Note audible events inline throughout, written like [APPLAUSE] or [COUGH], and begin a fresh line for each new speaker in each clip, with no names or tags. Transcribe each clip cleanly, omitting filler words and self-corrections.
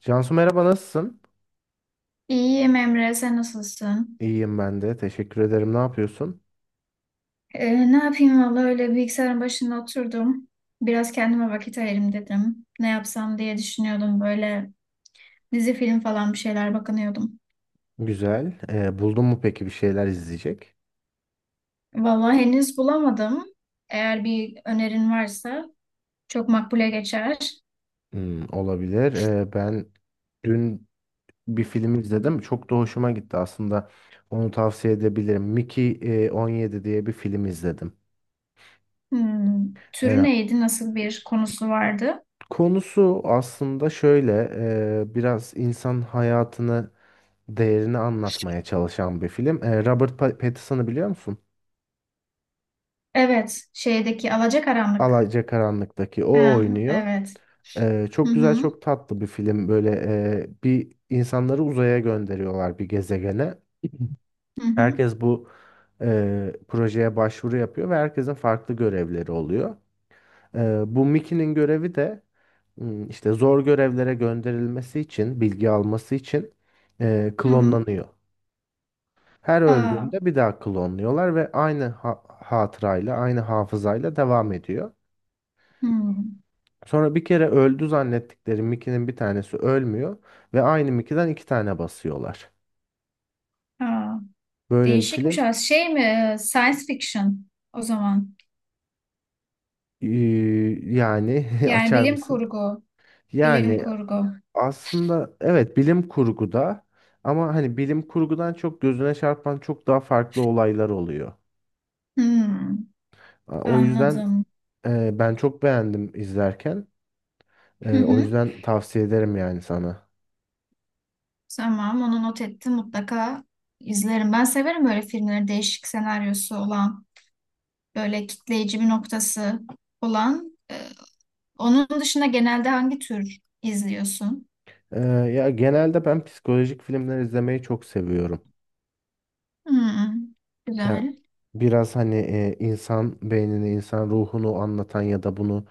Cansu merhaba nasılsın?
İyiyim Emre, sen nasılsın?
İyiyim ben de. Teşekkür ederim. Ne yapıyorsun?
Ne yapayım valla öyle bilgisayarın başında oturdum. Biraz kendime vakit ayırayım dedim. Ne yapsam diye düşünüyordum böyle dizi film falan bir şeyler bakınıyordum.
Güzel. Buldun mu peki bir şeyler izleyecek?
Valla henüz bulamadım. Eğer bir önerin varsa çok makbule geçer.
Hmm, olabilir. Ben dün bir film izledim. Çok da hoşuma gitti aslında. Onu tavsiye edebilirim. Mickey 17 diye bir film izledim.
Hmm, türü
Ee,
neydi? Nasıl bir konusu vardı?
konusu aslında şöyle. Biraz insan hayatını, değerini anlatmaya çalışan bir film. Robert Pattinson'ı biliyor musun?
Evet, şeydeki Alacakaranlık.
Alacakaranlık'taki o
Ha,
oynuyor.
evet. Hı
Çok güzel,
hı,
çok tatlı bir film. Böyle bir insanları uzaya gönderiyorlar bir gezegene.
hı hı,
Herkes bu projeye başvuru yapıyor ve herkesin farklı görevleri oluyor. Bu Mickey'nin görevi de, işte zor görevlere gönderilmesi için, bilgi alması için,
hı hı.
klonlanıyor. Her
Aa,
öldüğünde bir daha klonluyorlar ve aynı hatırayla, aynı hafızayla devam ediyor.
hı.
Sonra bir kere öldü zannettikleri Mickey'nin bir tanesi ölmüyor ve aynı Mickey'den iki tane basıyorlar.
Aa.
Böyle bir
Değişikmiş
film.
az şey mi? Science fiction o zaman.
ee, yani [LAUGHS]
Yani
açar
bilim
mısın?
kurgu. Bilim
Yani
kurgu.
aslında evet bilim kurguda ama hani bilim kurgudan çok gözüne çarpan çok daha farklı olaylar oluyor.
Hmm,
O yüzden,
anladım.
ben çok beğendim izlerken.
Hı
O
hı.
yüzden tavsiye ederim yani sana.
Tamam, onu not ettim, mutlaka izlerim. Ben severim böyle filmleri, değişik senaryosu olan, böyle kitleyici bir noktası olan. Onun dışında genelde hangi tür izliyorsun?
Ee, ya genelde ben psikolojik filmler izlemeyi çok seviyorum.
Hmm,
Ya
güzel.
biraz hani insan beynini, insan ruhunu anlatan ya da bunu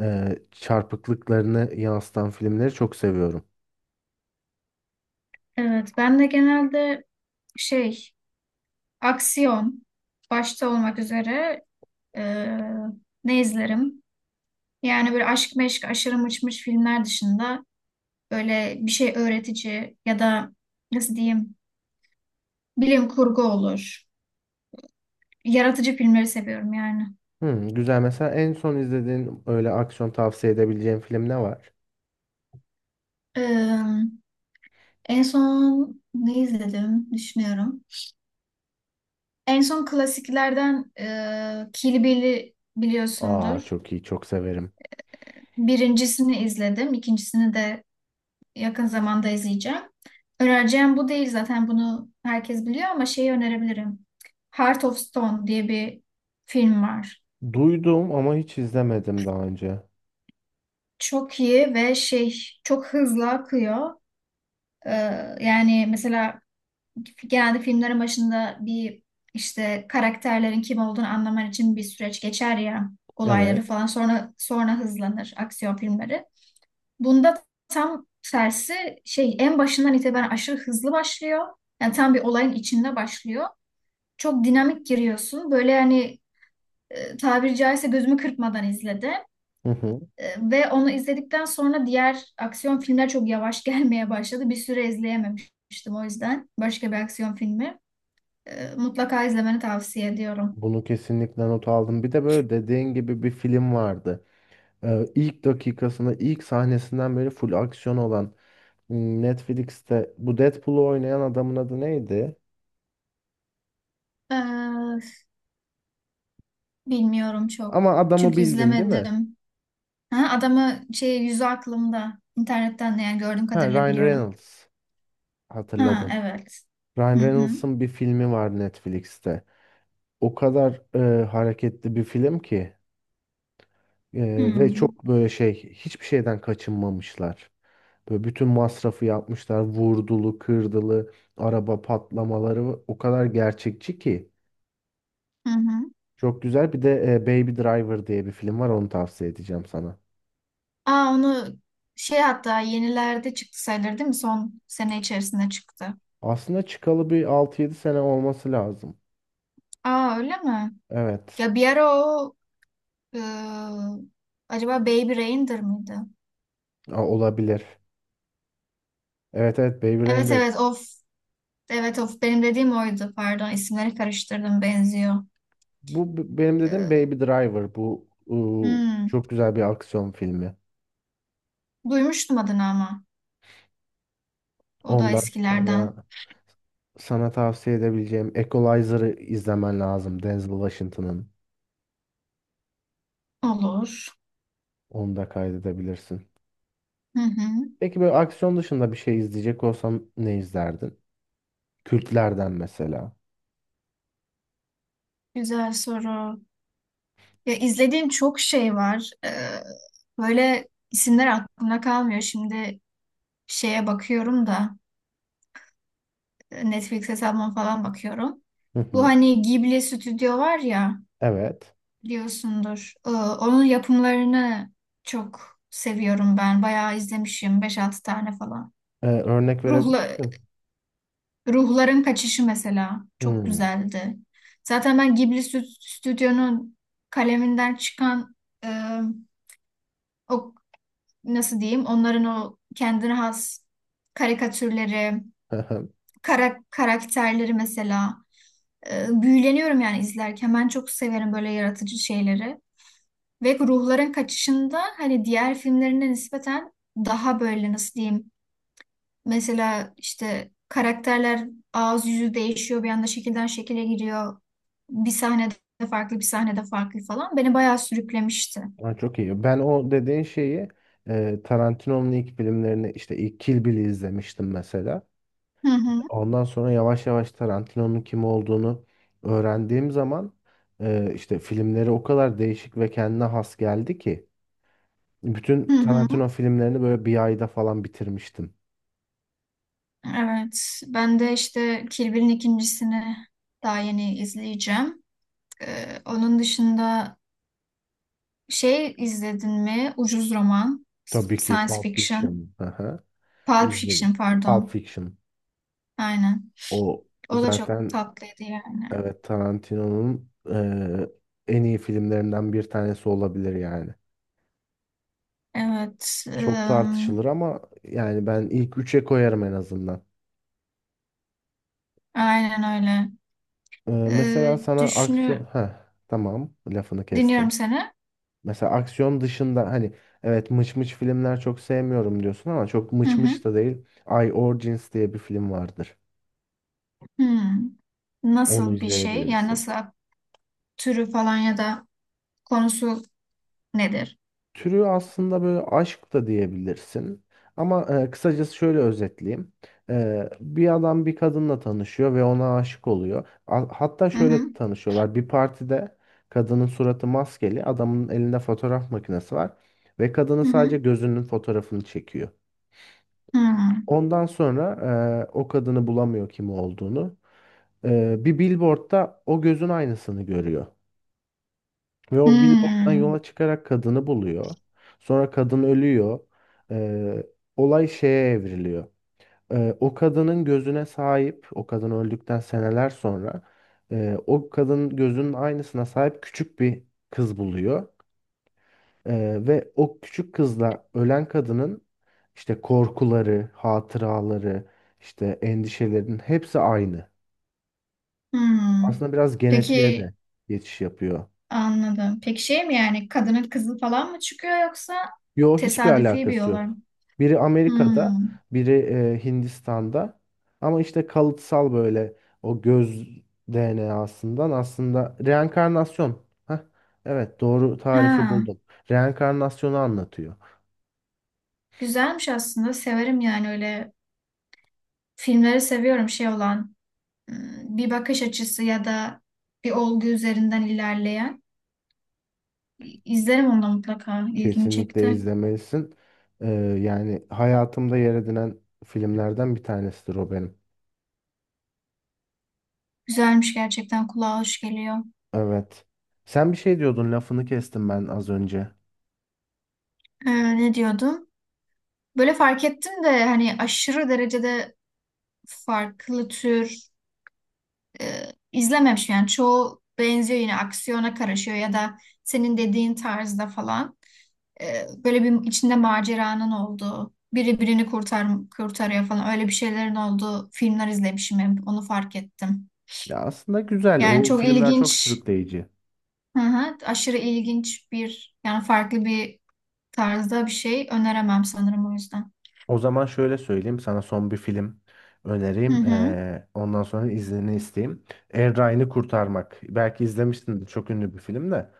çarpıklıklarını yansıtan filmleri çok seviyorum.
Evet, ben de genelde şey, aksiyon başta olmak üzere, Ee, ne izlerim? Yani böyle aşk meşk aşırı mıçmış filmler dışında, böyle bir şey öğretici ya da nasıl diyeyim, bilim kurgu olur. Yaratıcı filmleri seviyorum yani.
Hmm, güzel. Mesela en son izlediğin öyle aksiyon tavsiye edebileceğin film ne var?
Ee, En son ne izledim düşünüyorum. En son klasiklerden Kill Bill'i
Aa,
biliyorsundur.
çok iyi, çok severim.
Birincisini izledim, ikincisini de yakın zamanda izleyeceğim. Önereceğim bu değil zaten, bunu herkes biliyor, ama şeyi önerebilirim. Heart of Stone diye bir film var.
Duydum ama hiç izlemedim daha önce.
Çok iyi ve şey, çok hızlı akıyor. Ee, Yani mesela genelde filmlerin başında bir, işte karakterlerin kim olduğunu anlaman için bir süreç geçer ya olayları
Evet.
falan, sonra hızlanır aksiyon filmleri. Bunda tam tersi, şey, en başından itibaren aşırı hızlı başlıyor. Yani tam bir olayın içinde başlıyor. Çok dinamik giriyorsun. Böyle yani, tabiri caizse gözümü kırpmadan izledim.
Hı hı.
Ve onu izledikten sonra diğer aksiyon filmler çok yavaş [LAUGHS] gelmeye başladı. Bir süre izleyememiştim o yüzden. Başka bir aksiyon filmi. Mutlaka izlemeni tavsiye ediyorum.
Bunu kesinlikle not aldım. Bir de böyle dediğin gibi bir film vardı. E, ilk dakikasında, ilk sahnesinden beri full aksiyon olan, Netflix'te bu Deadpool'u oynayan adamın adı neydi?
E, Bilmiyorum çok.
Ama adamı
Çünkü
bildin değil mi?
izlemedim. Ha, adamı şey, yüzü aklımda. İnternetten yani, gördüğüm
Ha,
kadarıyla
Ryan
biliyorum.
Reynolds
Ha
hatırladım.
evet.
Ryan
Hı hı.
Reynolds'ın bir filmi var Netflix'te. O kadar hareketli bir film ki, ve
Hmm.
çok böyle şey hiçbir şeyden kaçınmamışlar. Böyle bütün masrafı yapmışlar. Vurdulu, kırdılı, araba patlamaları o kadar gerçekçi ki.
Hı hı.
Çok güzel. Bir de Baby Driver diye bir film var. Onu tavsiye edeceğim sana.
Aa, onu şey, hatta yenilerde çıktı sayılır değil mi? Son sene içerisinde çıktı.
Aslında çıkalı bir altı yedi sene olması lazım.
Aa öyle mi?
Evet.
Ya bir ara o, ıı, acaba Baby Reindeer mıydı?
Olabilir. Evet evet, Baby
Evet
Driver.
evet of. Evet of, benim dediğim oydu, pardon, isimleri karıştırdım, benziyor.
Bu benim dediğim
Ee,
Baby Driver. Bu
hmm.
çok güzel bir aksiyon filmi.
Duymuştum adını ama o da
Ondan sonra
eskilerden.
sana tavsiye edebileceğim Equalizer'ı izlemen lazım. Denzel Washington'ın.
Olur.
Onu da kaydedebilirsin.
Hı hı.
Peki böyle aksiyon dışında bir şey izleyecek olsam ne izlerdin? Kültlerden mesela.
Güzel soru. Ya izlediğim çok şey var. Böyle isimler aklımda kalmıyor. Şimdi şeye bakıyorum da, Netflix hesabıma falan bakıyorum.
Hı
Bu
hı.
hani Ghibli stüdyo var ya,
Evet.
biliyorsundur. Onun yapımlarını çok seviyorum ben. Bayağı izlemişim, beş altı tane falan.
Örnek verebilir
Ruhla,
misin?
Ruhların Kaçışı mesela çok
Hmm.
güzeldi. Zaten ben Ghibli stüdyonun kaleminden çıkan e, o, nasıl diyeyim, onların o kendine has karikatürleri,
[LAUGHS]
karakterleri mesela, büyüleniyorum yani izlerken. Ben çok severim böyle yaratıcı şeyleri. Ve ruhların kaçışında, hani diğer filmlerine nispeten daha böyle, nasıl diyeyim, mesela işte karakterler ağız yüzü değişiyor, bir anda şekilden şekile giriyor. Bir sahnede farklı, bir sahnede farklı falan. Beni bayağı sürüklemişti.
Aa, çok iyi. Ben o dediğin şeyi, Tarantino'nun ilk filmlerini işte ilk Kill Bill'i izlemiştim mesela.
Hı hı.
Ondan sonra yavaş yavaş Tarantino'nun kim olduğunu öğrendiğim zaman, işte filmleri o kadar değişik ve kendine has geldi ki
Hı
bütün
hı.
Tarantino filmlerini böyle bir ayda falan bitirmiştim.
Evet, ben de işte Kill Bill'in ikincisini daha yeni izleyeceğim. Onun dışında şey, izledin mi? Ucuz roman,
Tabii ki
science
Pulp
fiction,
Fiction. Aha,
pulp fiction,
izledim. Pulp
pardon.
Fiction.
Aynen.
O
O da çok
zaten.
tatlıydı yani.
Evet, Tarantino'nun en iyi filmlerinden bir tanesi olabilir yani.
Evet,
Çok tartışılır ama yani ben ilk üçe koyarım en azından.
aynen öyle.
Mesela
Ee,
sana aksiyon...
düşünü
Heh, tamam lafını
dinliyorum
kestim.
seni.
Mesela aksiyon dışında hani evet mıç mıç filmler çok sevmiyorum diyorsun ama çok
Hı
mıç
hı.
mıç da değil. I Origins diye bir film vardır.
Hmm.
Onu
Nasıl bir şey? Yani
izleyebiliriz.
nasıl, türü falan ya da konusu nedir?
Türü aslında böyle aşk da diyebilirsin. Ama kısacası şöyle özetleyeyim. Bir adam bir kadınla tanışıyor ve ona aşık oluyor. Hatta
Hı
şöyle
hı.
tanışıyorlar. Bir partide kadının suratı maskeli, adamın elinde fotoğraf makinesi var ve kadının
Hı
sadece
hı.
gözünün fotoğrafını çekiyor.
Hı.
Ondan sonra, o kadını bulamıyor kim olduğunu. Bir billboardda o gözün aynısını görüyor. Ve o billboarddan
Hmm,
yola çıkarak kadını buluyor. Sonra kadın ölüyor. Ee, olay şeye evriliyor. O kadının gözüne sahip, o kadın öldükten seneler sonra, o kadın gözünün aynısına sahip küçük bir kız buluyor. Ve o küçük kızla ölen kadının işte korkuları, hatıraları, işte endişelerinin hepsi aynı.
hmm.
Aslında biraz genetiğe
Peki
de geçiş yapıyor.
anladım. Peki şey mi yani, kadının kızı falan mı çıkıyor yoksa
Yo, hiçbir
tesadüfi bir
alakası
olay
yok.
mı?
Biri Amerika'da,
Hmm.
biri Hindistan'da. Ama işte kalıtsal böyle o göz DNA'sından aslında reenkarnasyon. Heh, evet doğru tarifi
Ha,
buldum. Reenkarnasyonu anlatıyor.
güzelmiş aslında. Severim yani öyle filmleri, seviyorum şey olan, hmm, bir bakış açısı ya da bir olgu üzerinden ilerleyen. İzlerim onu da mutlaka. İlgimi
Kesinlikle
çekti.
izlemelisin. Ee, yani hayatımda yer edinen filmlerden bir tanesidir o benim.
Güzelmiş gerçekten, kulağa hoş geliyor.
Evet. Sen bir şey diyordun, lafını kestim ben az önce.
Ne diyordum? Böyle fark ettim de, hani aşırı derecede farklı tür e, izlememiş, yani çoğu benziyor, yine aksiyona karışıyor ya da senin dediğin tarzda falan. Böyle bir içinde maceranın olduğu, biri birini kurtarıyor falan, öyle bir şeylerin olduğu filmler izlemişim, hep onu fark ettim.
Ya aslında güzel.
Yani
O
çok
filmler çok
ilginç,
sürükleyici.
hı hı, aşırı ilginç bir, yani farklı bir tarzda bir şey öneremem sanırım o yüzden.
O zaman şöyle söyleyeyim, sana son bir film
Hı
önereyim.
hı.
Ondan sonra iznini isteyeyim. Er Ryan'ı Kurtarmak. Belki izlemişsindir, çok ünlü bir film de.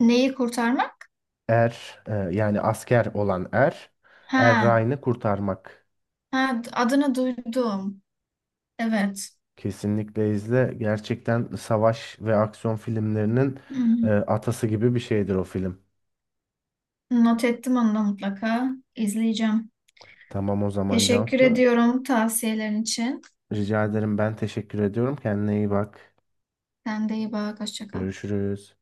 Neyi kurtarmak?
Er, yani asker olan Er. Er
Ha,
Ryan'ı Kurtarmak.
ha adını duydum. Evet.
Kesinlikle izle. Gerçekten savaş ve aksiyon filmlerinin atası gibi bir şeydir o film.
Not ettim onu da mutlaka. İzleyeceğim.
Tamam o zaman
Teşekkür
Cansu.
ediyorum tavsiyelerin için.
Rica ederim, ben teşekkür ediyorum. Kendine iyi bak.
Sen de iyi bak. Hoşça kal.
Görüşürüz.